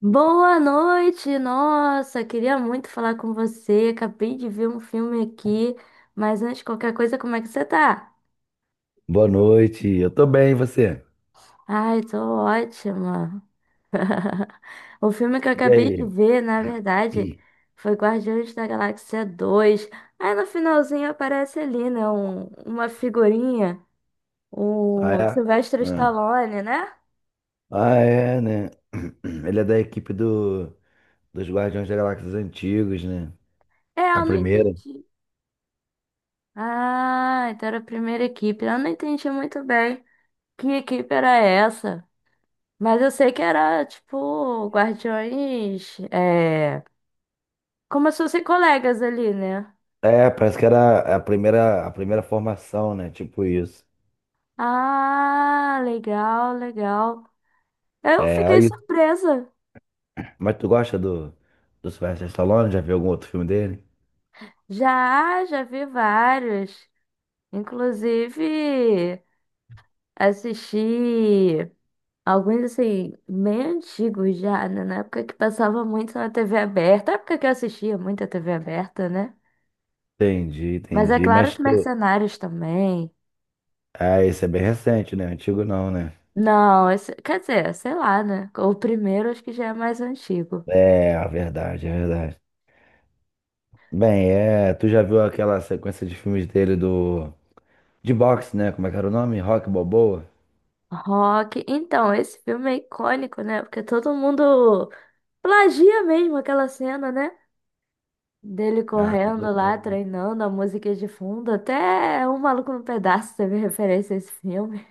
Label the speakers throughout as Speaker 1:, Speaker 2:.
Speaker 1: Boa noite, nossa, queria muito falar com você. Acabei de ver um filme aqui, mas antes de qualquer coisa, como é que você tá?
Speaker 2: Boa noite, eu tô bem, e você?
Speaker 1: Ai, tô ótima. O filme que eu
Speaker 2: E
Speaker 1: acabei de
Speaker 2: aí?
Speaker 1: ver, na verdade,
Speaker 2: Ih.
Speaker 1: foi Guardiões da Galáxia 2. Aí no finalzinho aparece ali, né, uma figurinha,
Speaker 2: Ah,
Speaker 1: o
Speaker 2: é?
Speaker 1: Sylvester
Speaker 2: Ah,
Speaker 1: Stallone, né?
Speaker 2: Ah, é, né? Ele é da equipe dos Guardiões da Galáxia Antigos, né?
Speaker 1: É,
Speaker 2: A
Speaker 1: eu não
Speaker 2: primeira.
Speaker 1: entendi. Ah, então era a primeira equipe. Eu não entendi muito bem que equipe era essa. Mas eu sei que era, tipo, guardiões. Como se fossem colegas ali, né?
Speaker 2: É, parece que era a primeira formação, né? Tipo isso.
Speaker 1: Ah, legal, legal. Eu
Speaker 2: É,
Speaker 1: fiquei
Speaker 2: aí.
Speaker 1: surpresa.
Speaker 2: Mas tu gosta do Sylvester Stallone? Já viu algum outro filme dele?
Speaker 1: Já vi vários. Inclusive, assisti alguns, assim, meio antigos já, né? Na época que passava muito na TV aberta. Na época que eu assistia muito a TV aberta, né?
Speaker 2: Entendi,
Speaker 1: Mas é
Speaker 2: entendi.
Speaker 1: claro,
Speaker 2: Mas
Speaker 1: os
Speaker 2: tu.
Speaker 1: mercenários também.
Speaker 2: Ah, esse é bem recente, né? Antigo não, né?
Speaker 1: Não, quer dizer, sei lá, né? O primeiro acho que já é mais antigo.
Speaker 2: É, é verdade. Bem, é, tu já viu aquela sequência de filmes dele do De boxe, né? Como é que era o nome? Rock Balboa?
Speaker 1: Rock. Então, esse filme é icônico, né? Porque todo mundo plagia mesmo aquela cena, né? Dele
Speaker 2: Ah, todo
Speaker 1: correndo lá,
Speaker 2: mundo.
Speaker 1: treinando a música de fundo. Até O Maluco no Pedaço teve referência a esse filme.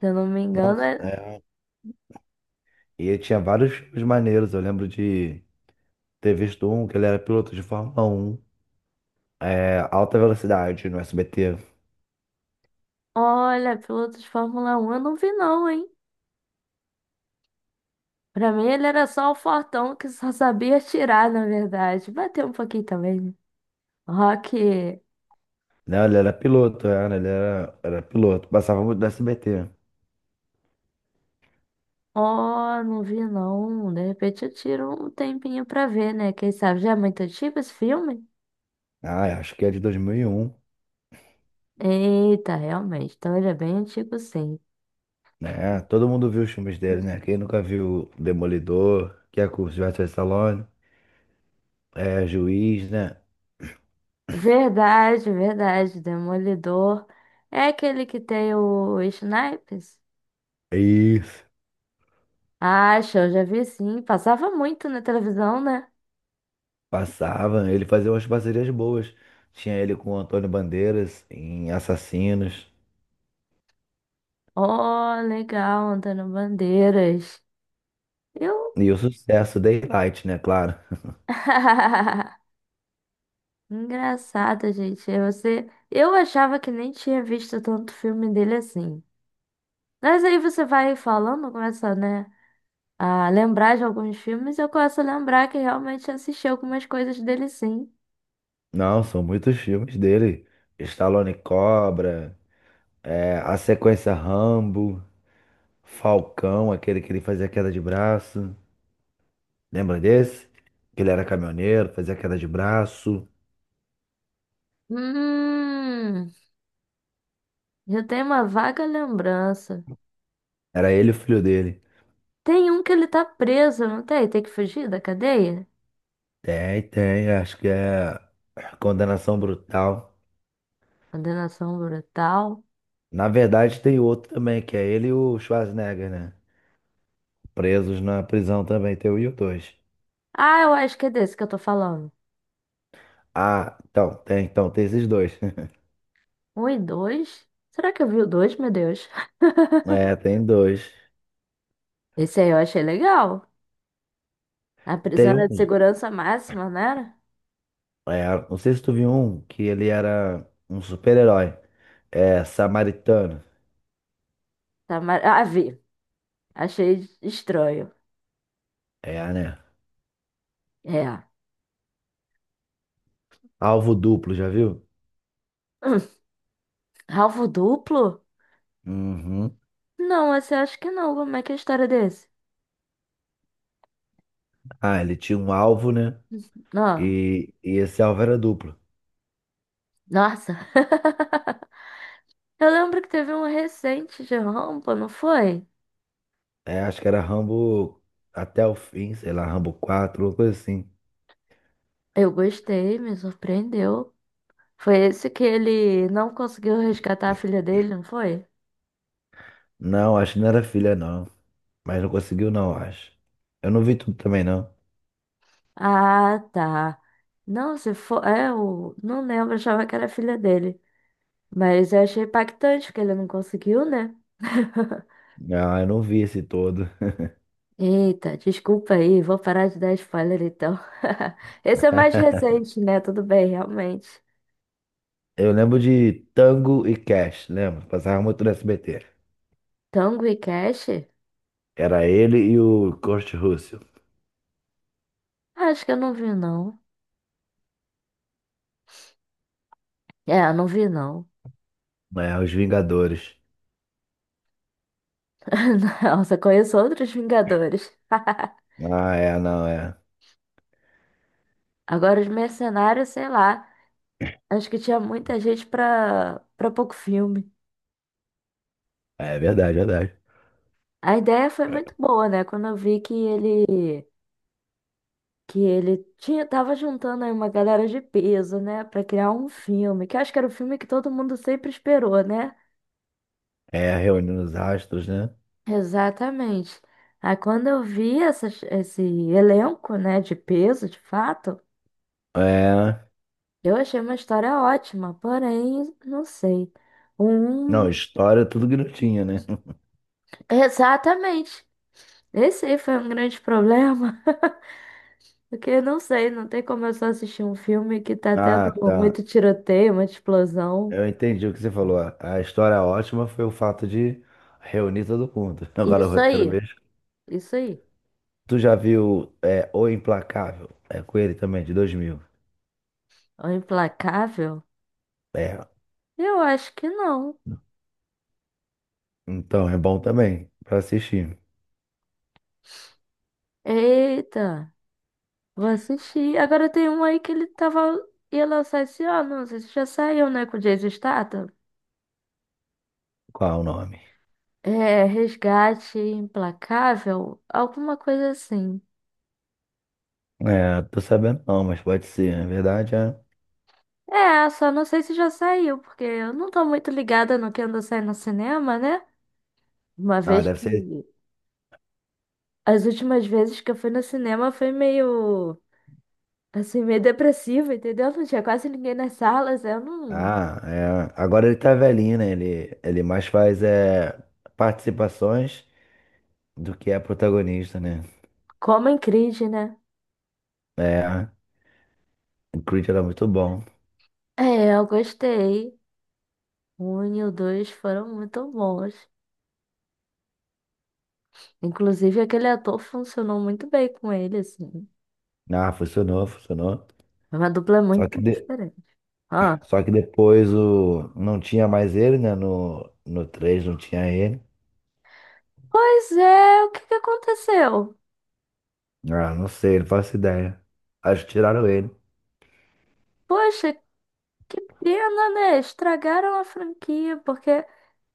Speaker 1: Se eu não me
Speaker 2: Não,
Speaker 1: engano,
Speaker 2: é. E ele tinha vários filmes maneiros. Eu lembro de ter visto um que ele era piloto de Fórmula um, Alta Velocidade no SBT.
Speaker 1: Olha, piloto de Fórmula um, eu não vi não, hein? Pra mim ele era só o fortão que só sabia tirar, na verdade. Bateu um pouquinho também, né? Rock.
Speaker 2: Não, ele era piloto. Passava muito no SBT.
Speaker 1: Ó, não vi não. De repente eu tiro um tempinho pra ver, né? Quem sabe já é muito antigo esse filme?
Speaker 2: Ah, eu acho que é de 2001,
Speaker 1: Eita, realmente. Então ele é bem antigo, sim.
Speaker 2: né? Todo mundo viu os filmes dele, né? Quem nunca viu Demolidor, que é com o Sylvester Stallone, é Juiz, né?
Speaker 1: Verdade, verdade. Demolidor. É aquele que tem o Snipes?
Speaker 2: É isso.
Speaker 1: Acho, eu já vi sim. Passava muito na televisão, né?
Speaker 2: Passava, ele fazia umas parcerias boas. Tinha ele com o Antônio Bandeiras em Assassinos.
Speaker 1: Ó, legal, Antônio Bandeiras. Eu.
Speaker 2: E o sucesso, Daylight, né? Claro.
Speaker 1: Engraçado, gente. Você... Eu achava que nem tinha visto tanto filme dele assim. Mas aí você vai falando, começa, né, a lembrar de alguns filmes, e eu começo a lembrar que realmente assisti algumas coisas dele sim.
Speaker 2: Não, são muitos filmes dele. Stallone Cobra, a sequência Rambo, Falcão, aquele que ele fazia queda de braço. Lembra desse? Que ele era caminhoneiro, fazia queda de braço.
Speaker 1: Hum, já tem uma vaga lembrança.
Speaker 2: Era ele e o filho dele.
Speaker 1: Tem um que ele tá preso, não tem? Tem que fugir da cadeia?
Speaker 2: Tem, tem, acho que é Condenação Brutal.
Speaker 1: Condenação brutal.
Speaker 2: Na verdade, tem outro também, que é ele e o Schwarzenegger, né? Presos na prisão também, tem o e o dois.
Speaker 1: Ah, eu acho que é desse que eu tô falando.
Speaker 2: Ah, então, tem esses dois.
Speaker 1: Um e dois? Será que eu vi o dois, meu Deus?
Speaker 2: É, tem dois.
Speaker 1: Esse aí eu achei legal. A prisão
Speaker 2: Tem
Speaker 1: era de
Speaker 2: um,
Speaker 1: segurança máxima, não era?
Speaker 2: não sei se tu viu um, que ele era um super-herói. É, samaritano.
Speaker 1: Tá mar... Ah, vi. Achei estranho.
Speaker 2: É, né?
Speaker 1: É.
Speaker 2: Alvo duplo, já viu?
Speaker 1: Hum, alvo duplo?
Speaker 2: Uhum.
Speaker 1: Não, esse eu acho que não. Como é que é a história desse?
Speaker 2: Ah, ele tinha um alvo, né?
Speaker 1: Não.
Speaker 2: E esse alvo era duplo.
Speaker 1: Nossa, eu lembro que teve um recente de rampa, não foi?
Speaker 2: É, acho que era Rambo até o fim, sei lá, Rambo 4 uma coisa assim.
Speaker 1: Eu gostei, me surpreendeu. Foi esse que ele não conseguiu resgatar a filha dele, não foi?
Speaker 2: Não, acho que não era filha, não. Mas não conseguiu, não, acho. Eu não vi tudo também, não.
Speaker 1: Ah, tá. Não, se for. É, eu não lembro, achava que era a filha dele. Mas eu achei impactante, porque ele não conseguiu, né?
Speaker 2: Ah, eu não vi esse todo.
Speaker 1: Eita, desculpa aí, vou parar de dar spoiler então. Esse é mais recente, né? Tudo bem, realmente.
Speaker 2: Eu lembro de Tango e Cash, lembro. Passava muito no SBT.
Speaker 1: Tango e Cash?
Speaker 2: Era ele e o Kurt Russell,
Speaker 1: Acho que eu não vi, não. É, eu não vi, não.
Speaker 2: né? Os Vingadores.
Speaker 1: Nossa, conheço outros Vingadores.
Speaker 2: Ah, é, não, é.
Speaker 1: Agora, os Mercenários, sei lá. Acho que tinha muita gente pra pouco filme.
Speaker 2: É verdade, verdade.
Speaker 1: A ideia foi muito boa, né? Quando eu vi que ele. Que ele tinha, tava juntando aí uma galera de peso, né? Pra criar um filme. Que eu acho que era o filme que todo mundo sempre esperou, né?
Speaker 2: É, reunindo os astros, né?
Speaker 1: Exatamente. Aí quando eu vi esse elenco, né, de peso, de fato,
Speaker 2: É.
Speaker 1: eu achei uma história ótima, porém, não sei.
Speaker 2: Não,
Speaker 1: Um...
Speaker 2: história, é tudo que não tinha, né?
Speaker 1: Exatamente. Esse aí foi um grande problema, porque não sei, não tem como eu só assistir um filme que tá tendo
Speaker 2: Ah, tá.
Speaker 1: muito tiroteio, muita explosão.
Speaker 2: Eu entendi o que você falou. A história ótima foi o fato de reunir todo mundo. Agora o
Speaker 1: Isso
Speaker 2: roteiro
Speaker 1: aí,
Speaker 2: mesmo.
Speaker 1: isso aí.
Speaker 2: Tu já viu, O Implacável? É com ele também, de 2000.
Speaker 1: É O Implacável?
Speaker 2: É,
Speaker 1: Eu acho que não.
Speaker 2: então é bom também pra assistir.
Speaker 1: Eita. Vou assistir. Agora tem um aí que ele ia lançar esse ano. Não sei se já saiu, né? Com o Jason Statham.
Speaker 2: Qual é o nome?
Speaker 1: É, Resgate Implacável, alguma coisa assim.
Speaker 2: É, tô sabendo não, mas pode ser. Na verdade.
Speaker 1: É, só não sei se já saiu, porque eu não tô muito ligada no que anda saindo no cinema, né? Uma
Speaker 2: Ah,
Speaker 1: vez
Speaker 2: deve
Speaker 1: que.
Speaker 2: ser.
Speaker 1: As últimas vezes que eu fui no cinema foi meio. Assim, meio depressivo, entendeu? Não tinha quase ninguém nas salas, eu não.
Speaker 2: Ah, é. Agora ele tá velhinho, né? Ele mais faz é, participações do que é protagonista, né?
Speaker 1: Como em crise, né?
Speaker 2: É, o Creed era muito bom.
Speaker 1: É, eu gostei. O Um e o dois foram muito bons. Inclusive, aquele ator funcionou muito bem com ele, assim.
Speaker 2: Ah, funcionou, funcionou.
Speaker 1: É Uma dupla
Speaker 2: Só que,
Speaker 1: muito
Speaker 2: de-
Speaker 1: diferente. Ah,
Speaker 2: Só que depois não tinha mais ele, né? No 3 não tinha ele.
Speaker 1: pois é, o que que aconteceu?
Speaker 2: Ah, não sei, não faço ideia. Acho que tiraram ele.
Speaker 1: Poxa, que pena, né? Estragaram a franquia, porque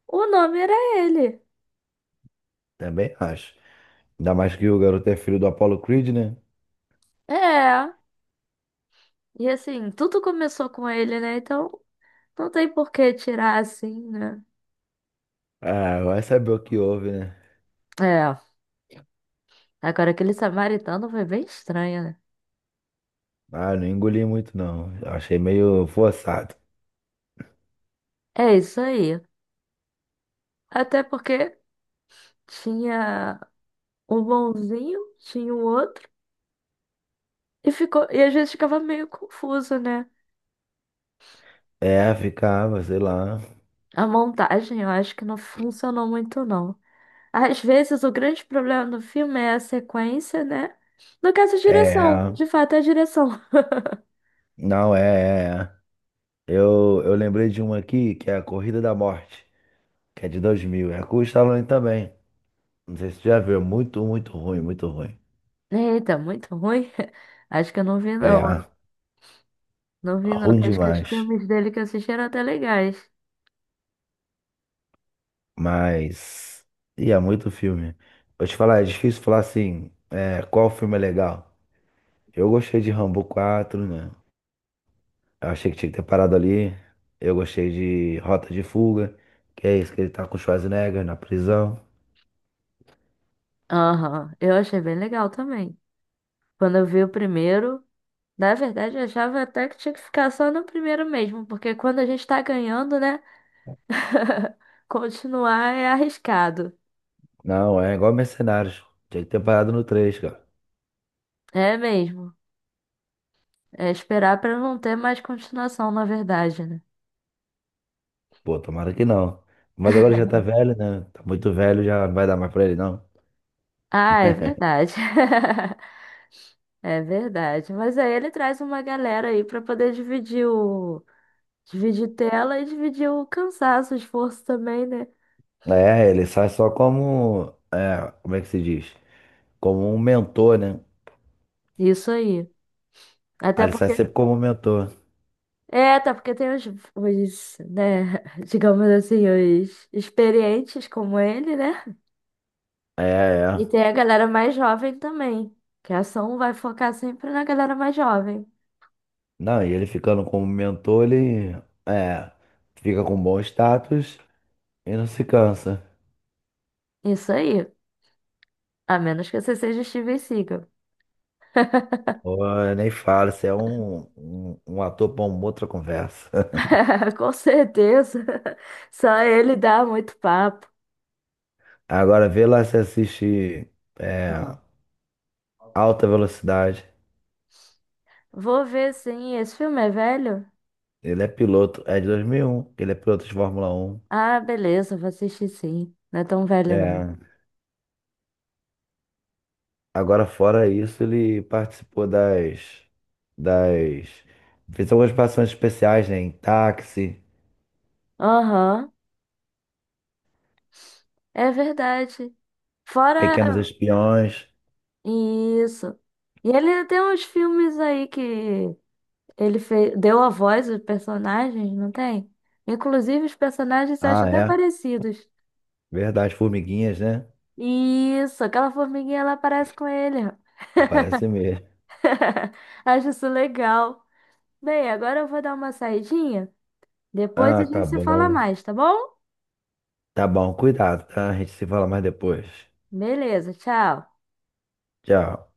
Speaker 1: o nome era ele.
Speaker 2: Também acho. Ainda mais que o garoto é filho do Apollo Creed, né?
Speaker 1: É, e assim, tudo começou com ele, né? Então, não tem por que tirar assim, né?
Speaker 2: Ah, vai saber o que houve, né?
Speaker 1: É, agora aquele samaritano foi bem estranho, né?
Speaker 2: Ah, não engoli muito, não. Eu achei meio forçado.
Speaker 1: É isso aí. Até porque tinha um bonzinho, tinha o outro. E ficou, e às vezes ficava meio confuso, né?
Speaker 2: É, ficava, sei lá.
Speaker 1: A montagem eu acho que não funcionou muito, não. Às vezes o grande problema do filme é a sequência, né? No caso, a direção.
Speaker 2: É,
Speaker 1: De fato, é a direção.
Speaker 2: não, é, é. É. Eu lembrei de uma aqui, que é a Corrida da Morte, que é de 2000. É com o Stallone também. Não sei se tu já viu. É muito, muito ruim, muito ruim.
Speaker 1: Eita, muito ruim. Acho que eu não vi, não.
Speaker 2: É,
Speaker 1: Não vi, não.
Speaker 2: ruim
Speaker 1: Acho que os
Speaker 2: demais.
Speaker 1: filmes dele que eu assisti eram até legais.
Speaker 2: Mas. E é muito filme. Vou te falar, é difícil falar assim, qual filme é legal. Eu gostei de Rambo 4, né? Eu achei que tinha que ter parado ali. Eu gostei de Rota de Fuga, que é isso que ele tá com o Schwarzenegger na prisão.
Speaker 1: Aham, eu achei bem legal também. Quando eu vi o primeiro, na verdade, eu achava até que tinha que ficar só no primeiro mesmo, porque quando a gente tá ganhando, né? Continuar é arriscado.
Speaker 2: Não, é igual Mercenários. Tinha que ter parado no três, cara.
Speaker 1: É mesmo. É esperar pra não ter mais continuação, na verdade, né?
Speaker 2: Pô, tomara que não. Mas agora já tá velho, né? Tá muito velho, já não vai dar mais pra ele, não.
Speaker 1: Ah, é verdade. É verdade. Mas aí ele traz uma galera aí pra poder dividir o dividir tela e dividir o cansaço, o esforço também, né?
Speaker 2: É, ele sai só como. É, como é que se diz? Como um mentor, né?
Speaker 1: Isso aí.
Speaker 2: Aí
Speaker 1: Até
Speaker 2: ele sai
Speaker 1: porque
Speaker 2: sempre como um mentor.
Speaker 1: é, até porque tem os, né, digamos assim, os experientes como ele, né?
Speaker 2: É,
Speaker 1: E tem
Speaker 2: é.
Speaker 1: a galera mais jovem também, que a ação vai focar sempre na galera mais jovem.
Speaker 2: Não, e ele ficando como mentor, ele. É. Fica com bom status e não se cansa.
Speaker 1: Isso aí. A menos que você seja Steven Seagal.
Speaker 2: Pô, eu nem falo, você é um, um, ator para uma outra conversa.
Speaker 1: Com certeza. Só ele dá muito papo.
Speaker 2: Agora vê lá se assiste, é,
Speaker 1: Ah.
Speaker 2: Alta Velocidade.
Speaker 1: Vou ver sim. Esse filme é velho?
Speaker 2: Ele é piloto, é de 2001, ele é piloto de Fórmula Um.
Speaker 1: Ah, beleza, vou assistir sim. Não é tão velho, não.
Speaker 2: É, agora fora isso, ele participou das. Fez algumas participações especiais, né? Em Táxi,
Speaker 1: Aham, é verdade. Fora
Speaker 2: Pequenos Espiões.
Speaker 1: isso. E ele tem uns filmes aí que ele fez, deu a voz aos personagens, não tem? Inclusive, os personagens eu acho
Speaker 2: Ah,
Speaker 1: até
Speaker 2: é,
Speaker 1: parecidos.
Speaker 2: verdade, Formiguinhas, né?
Speaker 1: Isso, aquela formiguinha lá parece com ele.
Speaker 2: Parece mesmo.
Speaker 1: Acho isso legal. Bem, agora eu vou dar uma saidinha. Depois
Speaker 2: Ah,
Speaker 1: a
Speaker 2: tá
Speaker 1: gente se fala
Speaker 2: bom.
Speaker 1: mais, tá bom?
Speaker 2: Tá bom, cuidado, tá? A gente se fala mais depois.
Speaker 1: Beleza, tchau.
Speaker 2: Tchau.